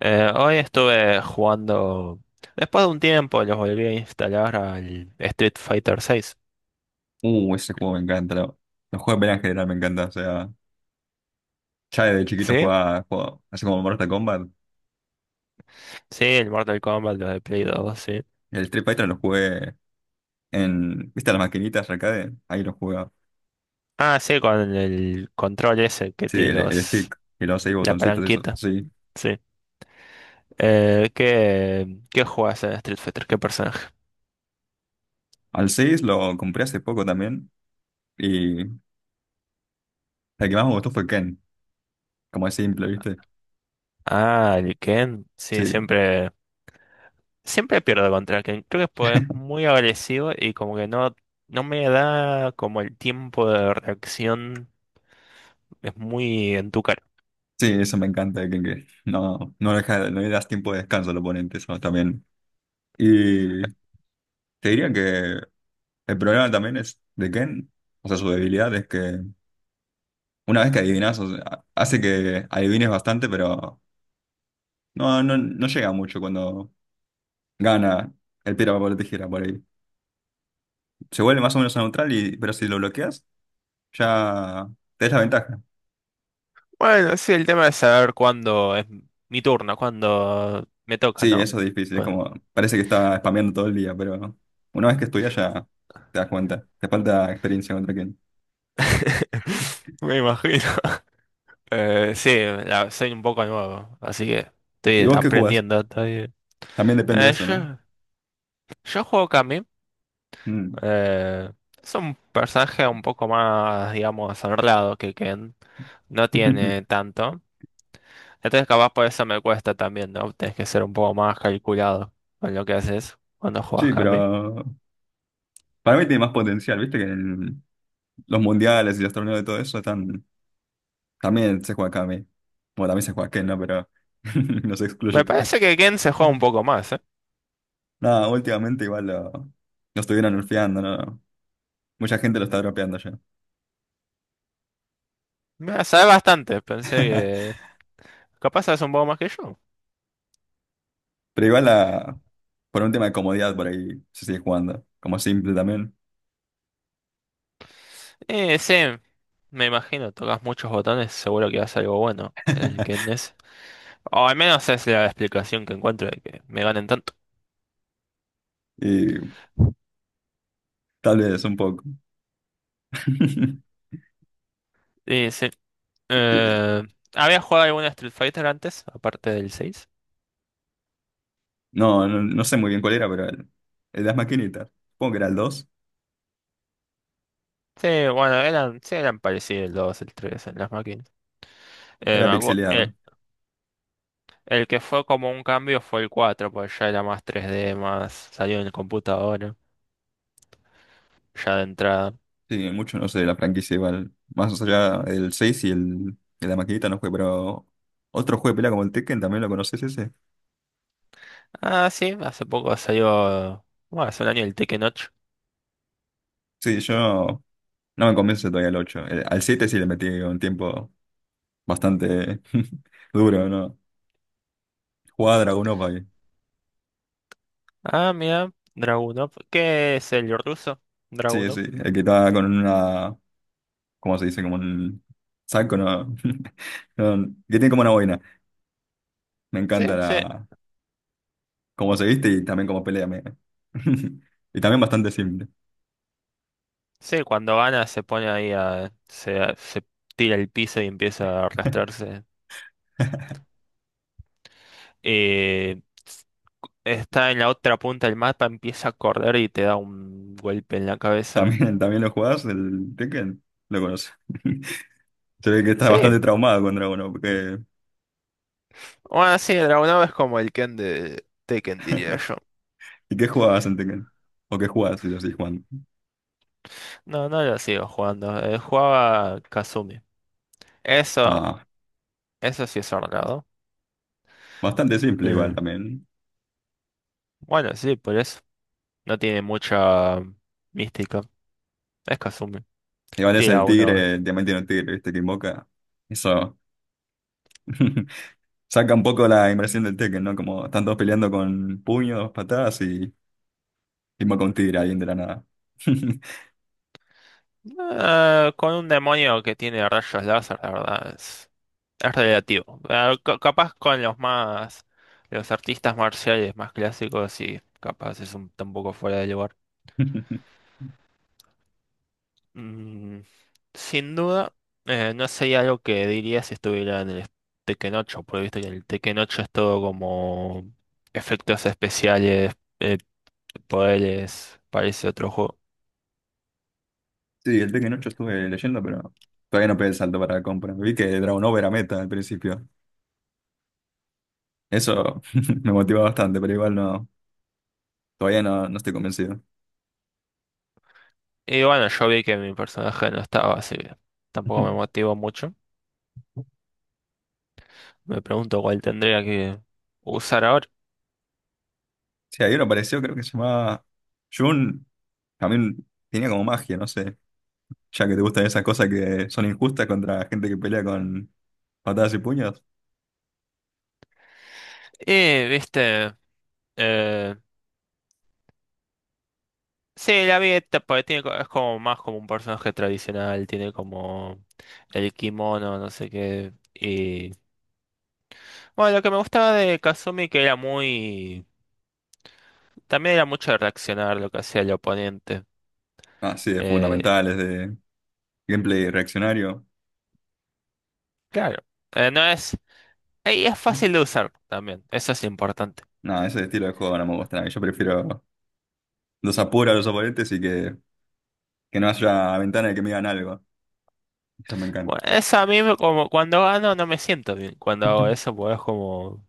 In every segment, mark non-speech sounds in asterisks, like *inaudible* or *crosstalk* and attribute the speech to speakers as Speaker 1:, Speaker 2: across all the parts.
Speaker 1: Hoy estuve jugando, después de un tiempo, los volví a instalar al Street Fighter seis.
Speaker 2: Ese juego me encanta. Los juegos de pelea en general me encantan. O sea, ya desde chiquito
Speaker 1: ¿Sí?
Speaker 2: jugaba así como Mortal Kombat.
Speaker 1: Sí, el Mortal Kombat, los de Play 2 sí.
Speaker 2: El Street Fighter lo jugué en, ¿viste las maquinitas arcade? Ahí lo jugaba.
Speaker 1: Ah, sí, con el control ese que
Speaker 2: Sí,
Speaker 1: tiene
Speaker 2: el
Speaker 1: los,
Speaker 2: stick y los seis
Speaker 1: la
Speaker 2: botoncitos, eso.
Speaker 1: palanquita,
Speaker 2: Sí.
Speaker 1: sí. ¿Qué jugás en Street Fighter? ¿Qué personaje?
Speaker 2: Al 6 lo compré hace poco también. Y el que más me gustó fue Ken. Como es simple, ¿viste?
Speaker 1: Ah, el Ken, sí,
Speaker 2: Sí.
Speaker 1: siempre, siempre pierdo contra Ken. Creo que pues, es
Speaker 2: *laughs*
Speaker 1: muy agresivo y como que no me da como el tiempo de reacción, es muy.
Speaker 2: Sí, eso me encanta de Ken, que no, no, deja, no le das tiempo de descanso al oponente, eso también. Y te diría que. El problema también es de Ken, o sea, su debilidad es que una vez que adivinas, o sea, hace que adivines bastante, pero no, no, no llega mucho cuando gana el piedra, papel o tijera por ahí. Se vuelve más o menos neutral, y, pero si lo bloqueas, ya te das la ventaja.
Speaker 1: Bueno, sí, el tema es saber cuándo es mi turno, cuándo me toca,
Speaker 2: Sí,
Speaker 1: ¿no?
Speaker 2: eso es difícil, es
Speaker 1: Pues.
Speaker 2: como, parece que está spameando todo el día, pero una vez que estudias ya te das cuenta, te falta experiencia contra Ken.
Speaker 1: *laughs* Me imagino. Eh, sí, Soy un poco nuevo, así que
Speaker 2: ¿Y
Speaker 1: estoy
Speaker 2: vos qué jugás?
Speaker 1: aprendiendo todavía.
Speaker 2: También depende de
Speaker 1: Eh,
Speaker 2: eso, ¿no?
Speaker 1: yo, yo juego Kami.
Speaker 2: Mm.
Speaker 1: eh, es un personaje un poco más, digamos, honrado que Ken. No tiene
Speaker 2: *laughs*
Speaker 1: tanto. Entonces, capaz por eso me cuesta también, ¿no? Tienes que ser un poco más calculado con lo que haces cuando juegas
Speaker 2: Sí,
Speaker 1: Kami.
Speaker 2: pero para mí tiene más potencial, viste que el los mundiales y los torneos y todo eso están, también se juega acá a mí. Bueno, también se juega aquí, ¿no? Pero *laughs* no se excluye.
Speaker 1: Me parece que Ken se juega un
Speaker 2: *laughs*
Speaker 1: poco más, ¿eh?
Speaker 2: Nada, últimamente igual lo estuvieron nerfeando, ¿no? Mucha gente lo está dropeando ya.
Speaker 1: Mira, sabes bastante, pensé
Speaker 2: *laughs*
Speaker 1: que capaz sabes un poco más que yo.
Speaker 2: Pero igual por un tema de comodidad por ahí se sigue jugando, como simple también.
Speaker 1: Sí, me imagino, tocas muchos botones, seguro que haces algo bueno. El que es. O al menos es la explicación que encuentro de que me ganen tanto.
Speaker 2: Y tal vez un poco. *laughs*
Speaker 1: Y sí. Eh, ¿habías jugado alguna Street Fighter antes, aparte del seis?
Speaker 2: No, no, no sé muy bien cuál era, pero el de las maquinitas. Supongo que era el 2.
Speaker 1: Sí, bueno, eran, sí eran parecidos el 2 el 3 en las máquinas. Eh,
Speaker 2: Era
Speaker 1: me acu- eh,
Speaker 2: pixeleado.
Speaker 1: el que fue como un cambio fue el 4 porque ya era más 3D, más salió en el computador, ya de entrada.
Speaker 2: Sí, mucho no sé de la franquicia igual. Más allá del 6 y de la maquinita no fue, pero otro juego de pelea como el Tekken, ¿también lo conoces ese?
Speaker 1: Ah, sí, hace poco salió, bueno, hace un año el Tekken 8.
Speaker 2: Sí, yo no, no me convence todavía el ocho. Al 7 sí le metí un tiempo bastante *laughs* duro, ¿no? Jugaba Dragon Opa ahí.
Speaker 1: Ah, mira, Dragunov. ¿Qué es el ruso?
Speaker 2: Sí, sí,
Speaker 1: Dragunov.
Speaker 2: el que estaba con una, ¿cómo se dice? Como un saco, ¿no? *laughs* No, que tiene como una boina. Me
Speaker 1: Sí,
Speaker 2: encanta
Speaker 1: sí,
Speaker 2: cómo se viste y también cómo pelea. *laughs* Y también bastante simple.
Speaker 1: sí, cuando gana se pone ahí a, se tira el piso y empieza a arrastrarse. Eh, está en la otra punta del mapa, empieza a correr y te da un golpe en la cabeza.
Speaker 2: ¿También lo jugás, el Tekken? Lo conoces. *laughs* Se ve que estás
Speaker 1: Sí,
Speaker 2: bastante traumado con Dragon Ball.
Speaker 1: bueno, sí, Dragunov es como el Ken de Tekken, diría yo.
Speaker 2: ¿Y qué jugabas en Tekken? ¿O qué jugabas si lo seguís jugando?
Speaker 1: No, no lo sigo jugando. Jugaba Kazumi. Eso,
Speaker 2: Ah,
Speaker 1: Eso sí es ordenado.
Speaker 2: bastante simple igual
Speaker 1: Eh,
Speaker 2: también.
Speaker 1: Bueno, sí, por eso. No tiene mucha mística. Es Kazumi.
Speaker 2: Igual es
Speaker 1: Tiene
Speaker 2: el
Speaker 1: a unos.
Speaker 2: tigre, el diamante no tigre, ¿viste? Que invoca. Eso *laughs* saca un poco la inversión del Tekken, ¿no? Como están todos peleando con puños, patadas y invoca un tigre alguien de la nada.
Speaker 1: Con un demonio que tiene rayos láser, la verdad, es relativo. Capaz con los más. Los artistas marciales más clásicos, sí, capaz está un poco fuera de lugar.
Speaker 2: *laughs*
Speaker 1: Mm, sin duda, no sería algo que diría si estuviera en el Tekken 8, porque viste que el Tekken 8 es todo como efectos especiales. eh, poderes, parece otro juego.
Speaker 2: Sí, el Tekken 8 estuve leyendo, pero todavía no pegué el salto para la compra. Vi que Dragon Ball era meta al principio. Eso *laughs* me motiva bastante, pero igual no, todavía no, no estoy convencido.
Speaker 1: Y bueno, yo vi que mi personaje no estaba, así que tampoco me
Speaker 2: *laughs*
Speaker 1: motivó mucho. Me pregunto cuál tendría que usar ahora.
Speaker 2: Sí, hay uno apareció, creo que se llamaba Jun. También tenía como magia, no sé. Ya que te gustan esas cosas que son injustas contra gente que pelea con patadas y puños.
Speaker 1: Y, viste, eh, sí, la vi, esta, porque tiene, es como más como un personaje tradicional, tiene como el kimono, no sé qué. Y bueno, lo que me gustaba de Kazumi que era muy... También era mucho de reaccionar lo que hacía el oponente.
Speaker 2: Ah, sí, de
Speaker 1: Eh,
Speaker 2: fundamentales, de gameplay reaccionario.
Speaker 1: claro, no es... Y es fácil de usar también, eso es importante.
Speaker 2: No, ese estilo de juego no me gusta nada. Yo prefiero los apuros a los oponentes y que no haya ventana de que me digan algo. Eso me encanta.
Speaker 1: Bueno, eso a mí como cuando gano no me siento bien. Cuando hago
Speaker 2: *laughs*
Speaker 1: eso, pues es como,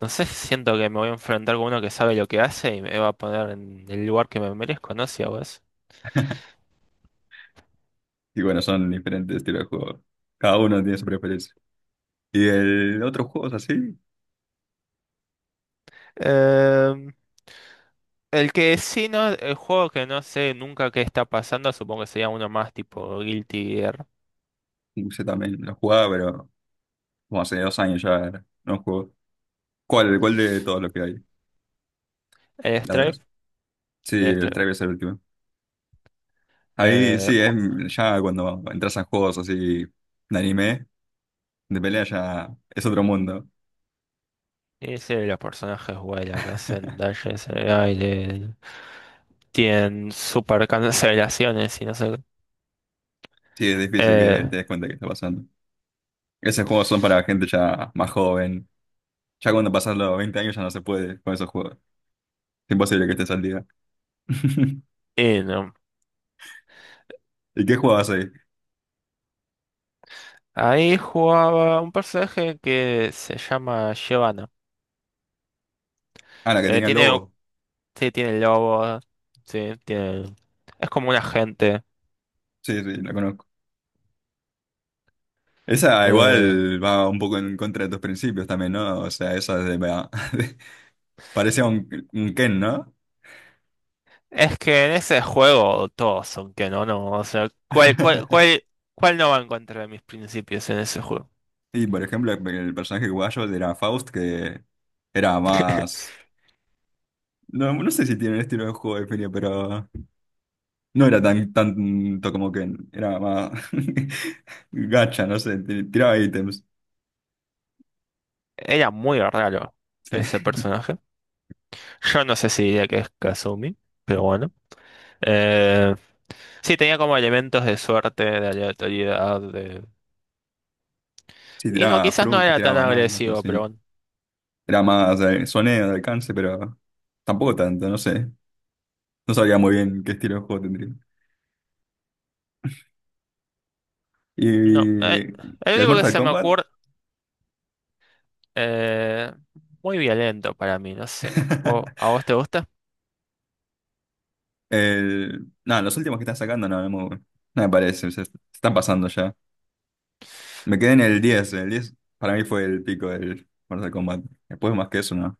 Speaker 1: no sé, siento que me voy a enfrentar con uno que sabe lo que hace y me va a poner en el lugar que me merezco, ¿no? Si hago eso.
Speaker 2: Y bueno, son diferentes estilos de juego. Cada uno tiene su preferencia. Y el otro juego así,
Speaker 1: Em, el que sí, no, el juego que no sé nunca qué está pasando, supongo que sería uno más tipo Guilty Gear.
Speaker 2: usé también, lo jugaba, pero como hace 2 años ya no juego. ¿Cuál de todos los que hay?
Speaker 1: El
Speaker 2: La verdad.
Speaker 1: Stripe,
Speaker 2: Sí,
Speaker 1: el
Speaker 2: el
Speaker 1: Stripe.
Speaker 2: Stray es el último. Ahí
Speaker 1: Eh,
Speaker 2: sí, es
Speaker 1: bueno,
Speaker 2: ya cuando entras a juegos así de anime, de pelea ya es otro mundo.
Speaker 1: ese de los personajes vuelan, hacen
Speaker 2: *laughs*
Speaker 1: dashes en el aire, tienen super cancelaciones y no sé qué.
Speaker 2: Sí, es difícil
Speaker 1: Eh,
Speaker 2: que te des cuenta que está pasando. Esos juegos son para gente ya más joven. Ya cuando pasas los 20 años ya no se puede con esos juegos. Es imposible que estés al día. *laughs*
Speaker 1: y no,
Speaker 2: ¿Y qué jugabas ahí?
Speaker 1: ahí jugaba un personaje que se llama Giovanna.
Speaker 2: Ah, la que
Speaker 1: Eh,
Speaker 2: tenía el
Speaker 1: tiene, o-
Speaker 2: lobo.
Speaker 1: sí, tiene lobo, sí, tiene, es como un agente.
Speaker 2: Sí, sí, la conozco. Esa
Speaker 1: Eh,
Speaker 2: igual va un poco en contra de tus principios también, ¿no? O sea, esa de, *laughs* parece un Ken, ¿no?
Speaker 1: es que en ese juego todos son que no, no, o sea, ¿cuál, cuál,
Speaker 2: *laughs*
Speaker 1: cuál, cuál no va en contra de mis principios en ese juego?
Speaker 2: Y por ejemplo, el personaje guayo era Faust, que era
Speaker 1: *laughs*
Speaker 2: más... No, no sé si tiene un estilo de juego de definido, pero no era tan tanto como Ken, era más *laughs* gacha, no sé, tiraba ítems,
Speaker 1: Era muy raro
Speaker 2: sí,
Speaker 1: ese personaje. Yo no sé si diría que es Kazumi, pero bueno. Eh, sí, tenía como elementos de suerte, de aleatoriedad, de...
Speaker 2: Sí,
Speaker 1: Y no,
Speaker 2: tiraba
Speaker 1: quizás no
Speaker 2: frutas,
Speaker 1: era
Speaker 2: tiraba
Speaker 1: tan
Speaker 2: bananas, no
Speaker 1: agresivo, pero
Speaker 2: sé,
Speaker 1: bueno.
Speaker 2: era más soneo de alcance, pero tampoco tanto, no sé, no sabía muy bien qué estilo de juego tendría.
Speaker 1: No,
Speaker 2: Y
Speaker 1: el
Speaker 2: el
Speaker 1: único que
Speaker 2: Mortal
Speaker 1: se me
Speaker 2: Kombat,
Speaker 1: ocurre, eh, muy violento para mí, no sé. ¿Vo-
Speaker 2: *laughs*
Speaker 1: ¿A vos te gusta?
Speaker 2: No, los últimos que están sacando no, no me parecen, se están pasando ya. Me quedé en el diez. El diez para mí fue el pico del Mortal Kombat. Después más que eso, ¿no?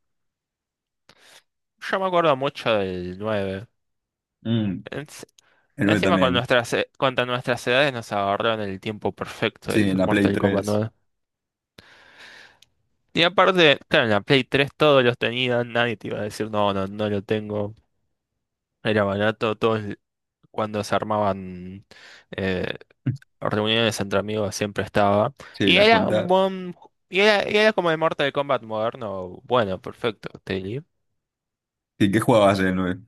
Speaker 1: Yo me acuerdo mucho del 9.
Speaker 2: Mm,
Speaker 1: Ens-
Speaker 2: el 9
Speaker 1: Encima con
Speaker 2: también,
Speaker 1: contra nuestras edades nos agarraron el tiempo perfecto
Speaker 2: sí, en
Speaker 1: del
Speaker 2: la Play
Speaker 1: Mortal Kombat
Speaker 2: 3
Speaker 1: nueve. Y aparte, claro, en la Play 3 todos los tenían, nadie te iba a decir, no, no, no lo tengo. Era barato, todos cuando se armaban eh, reuniones entre amigos siempre estaba.
Speaker 2: sí,
Speaker 1: Y
Speaker 2: la
Speaker 1: era un
Speaker 2: junta.
Speaker 1: buen... Y era como el Mortal Kombat moderno. Bueno, perfecto, Tilly.
Speaker 2: ¿Y qué jugabas en el nueve?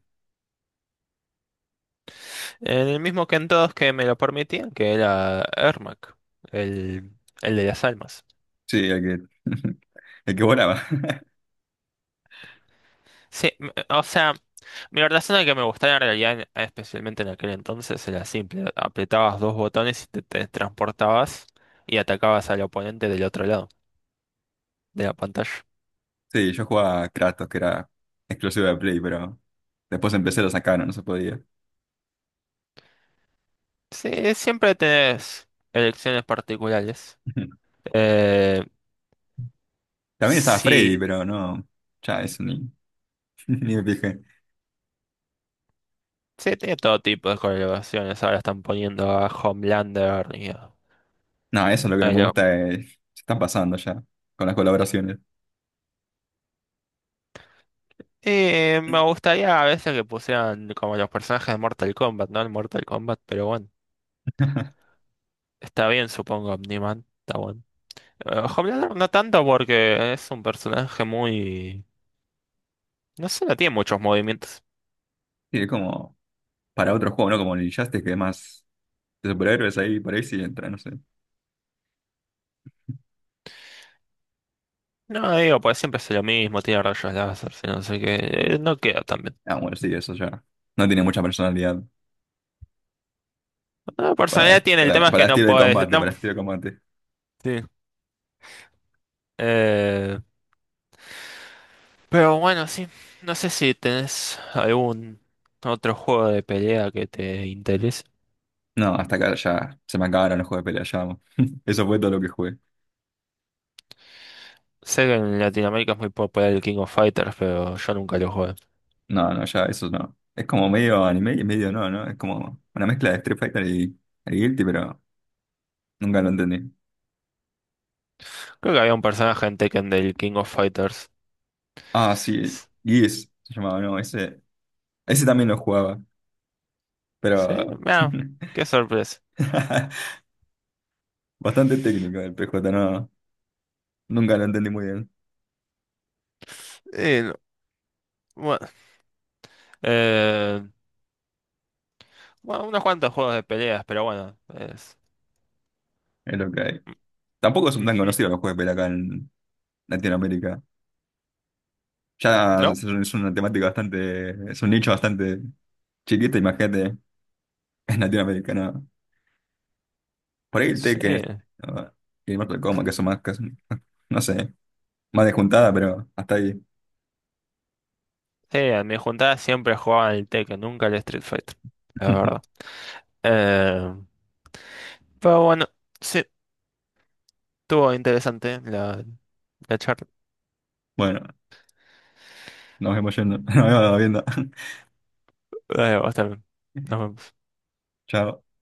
Speaker 1: En el mismo que en todos que me lo permitían, que era Ermac, el, el de las almas.
Speaker 2: Sí, el que, *laughs* el que volaba. *laughs*
Speaker 1: Sí, o sea, mi razón de que me gustaba en realidad, especialmente en aquel entonces, era simple. Apretabas dos botones y te transportabas y atacabas al oponente del otro lado de la pantalla.
Speaker 2: Sí, yo jugaba a Kratos, que era exclusivo de Play, pero después empecé lo sacaron, no se podía.
Speaker 1: Sí, siempre tenés elecciones particulares.
Speaker 2: *laughs*
Speaker 1: Eh,
Speaker 2: También estaba Freddy,
Speaker 1: Sí,
Speaker 2: pero no, ya eso ni... *laughs* Ni me fijé.
Speaker 1: sí, tiene todo tipo de colaboraciones. Ahora están poniendo a Homelander y a
Speaker 2: No, eso es lo que no
Speaker 1: a
Speaker 2: me
Speaker 1: lo-
Speaker 2: gusta. Se están pasando ya con las colaboraciones.
Speaker 1: Eh, Me gustaría a veces que pusieran como los personajes de Mortal Kombat, ¿no? El Mortal Kombat, pero bueno,
Speaker 2: *laughs*
Speaker 1: está bien, supongo, Omniman, está bueno. Homelander no tanto porque es un personaje muy... No sé, no tiene muchos movimientos.
Speaker 2: Y es como para otro juego, ¿no? Como el Injustice, que es más de superhéroes ahí, por ahí sí entra, no sé.
Speaker 1: No, digo, pues siempre hace lo mismo, tiene rayos láser, si no sé qué, no queda tan bien.
Speaker 2: Ah, bueno, sí, eso ya. No tiene mucha personalidad
Speaker 1: No, personalidad
Speaker 2: para,
Speaker 1: tiene, el
Speaker 2: para,
Speaker 1: tema es
Speaker 2: para
Speaker 1: que no
Speaker 2: estilo de
Speaker 1: puedes...
Speaker 2: combate,
Speaker 1: No,
Speaker 2: para estilo de combate.
Speaker 1: sí. Eh, Pero bueno, sí. No sé si tenés algún otro juego de pelea que te interese.
Speaker 2: No, hasta acá ya se me acabaron los juegos de pelea, ya. *laughs* Eso fue todo lo que jugué.
Speaker 1: Sé que en Latinoamérica es muy popular el King of Fighters, pero yo nunca lo jugué.
Speaker 2: No, no, ya, eso no. Es como medio anime y medio no, ¿no? Es como una mezcla de Street Fighter y Guilty, pero nunca lo entendí.
Speaker 1: Creo que había un personaje en Tekken del King of Fighters.
Speaker 2: Ah, sí,
Speaker 1: S-
Speaker 2: Gears se llamaba, no, ese. Ese también lo jugaba,
Speaker 1: Sí,
Speaker 2: pero
Speaker 1: mira,
Speaker 2: *laughs*
Speaker 1: qué sorpresa.
Speaker 2: bastante técnico el P PJ, no, nunca lo entendí muy bien.
Speaker 1: Y, bueno, eh, bueno, unos cuantos juegos de peleas, pero bueno, es...
Speaker 2: Es lo que hay. Tampoco son tan
Speaker 1: Ujú,
Speaker 2: conocidos los juegos de pelea acá en Latinoamérica. Ya
Speaker 1: ¿no?
Speaker 2: es es una temática bastante, es un nicho bastante chiquito, imagínate, en Latinoamérica, ¿no? Por ahí el Tekken
Speaker 1: Sí,
Speaker 2: es- Ah, y el Mortal Kombat, que son más, no sé, más de juntada, pero hasta ahí.
Speaker 1: sí, en mi juntada siempre jugaban el Tekken, nunca el Street Fighter, es verdad.
Speaker 2: *laughs*
Speaker 1: Eh, pero bueno. Sí. Estuvo interesante la charla.
Speaker 2: Bueno, nos vemos yendo, *laughs* nos vemos viendo.
Speaker 1: Va a estar, bien. nos
Speaker 2: *laughs*
Speaker 1: vemos.
Speaker 2: Chao.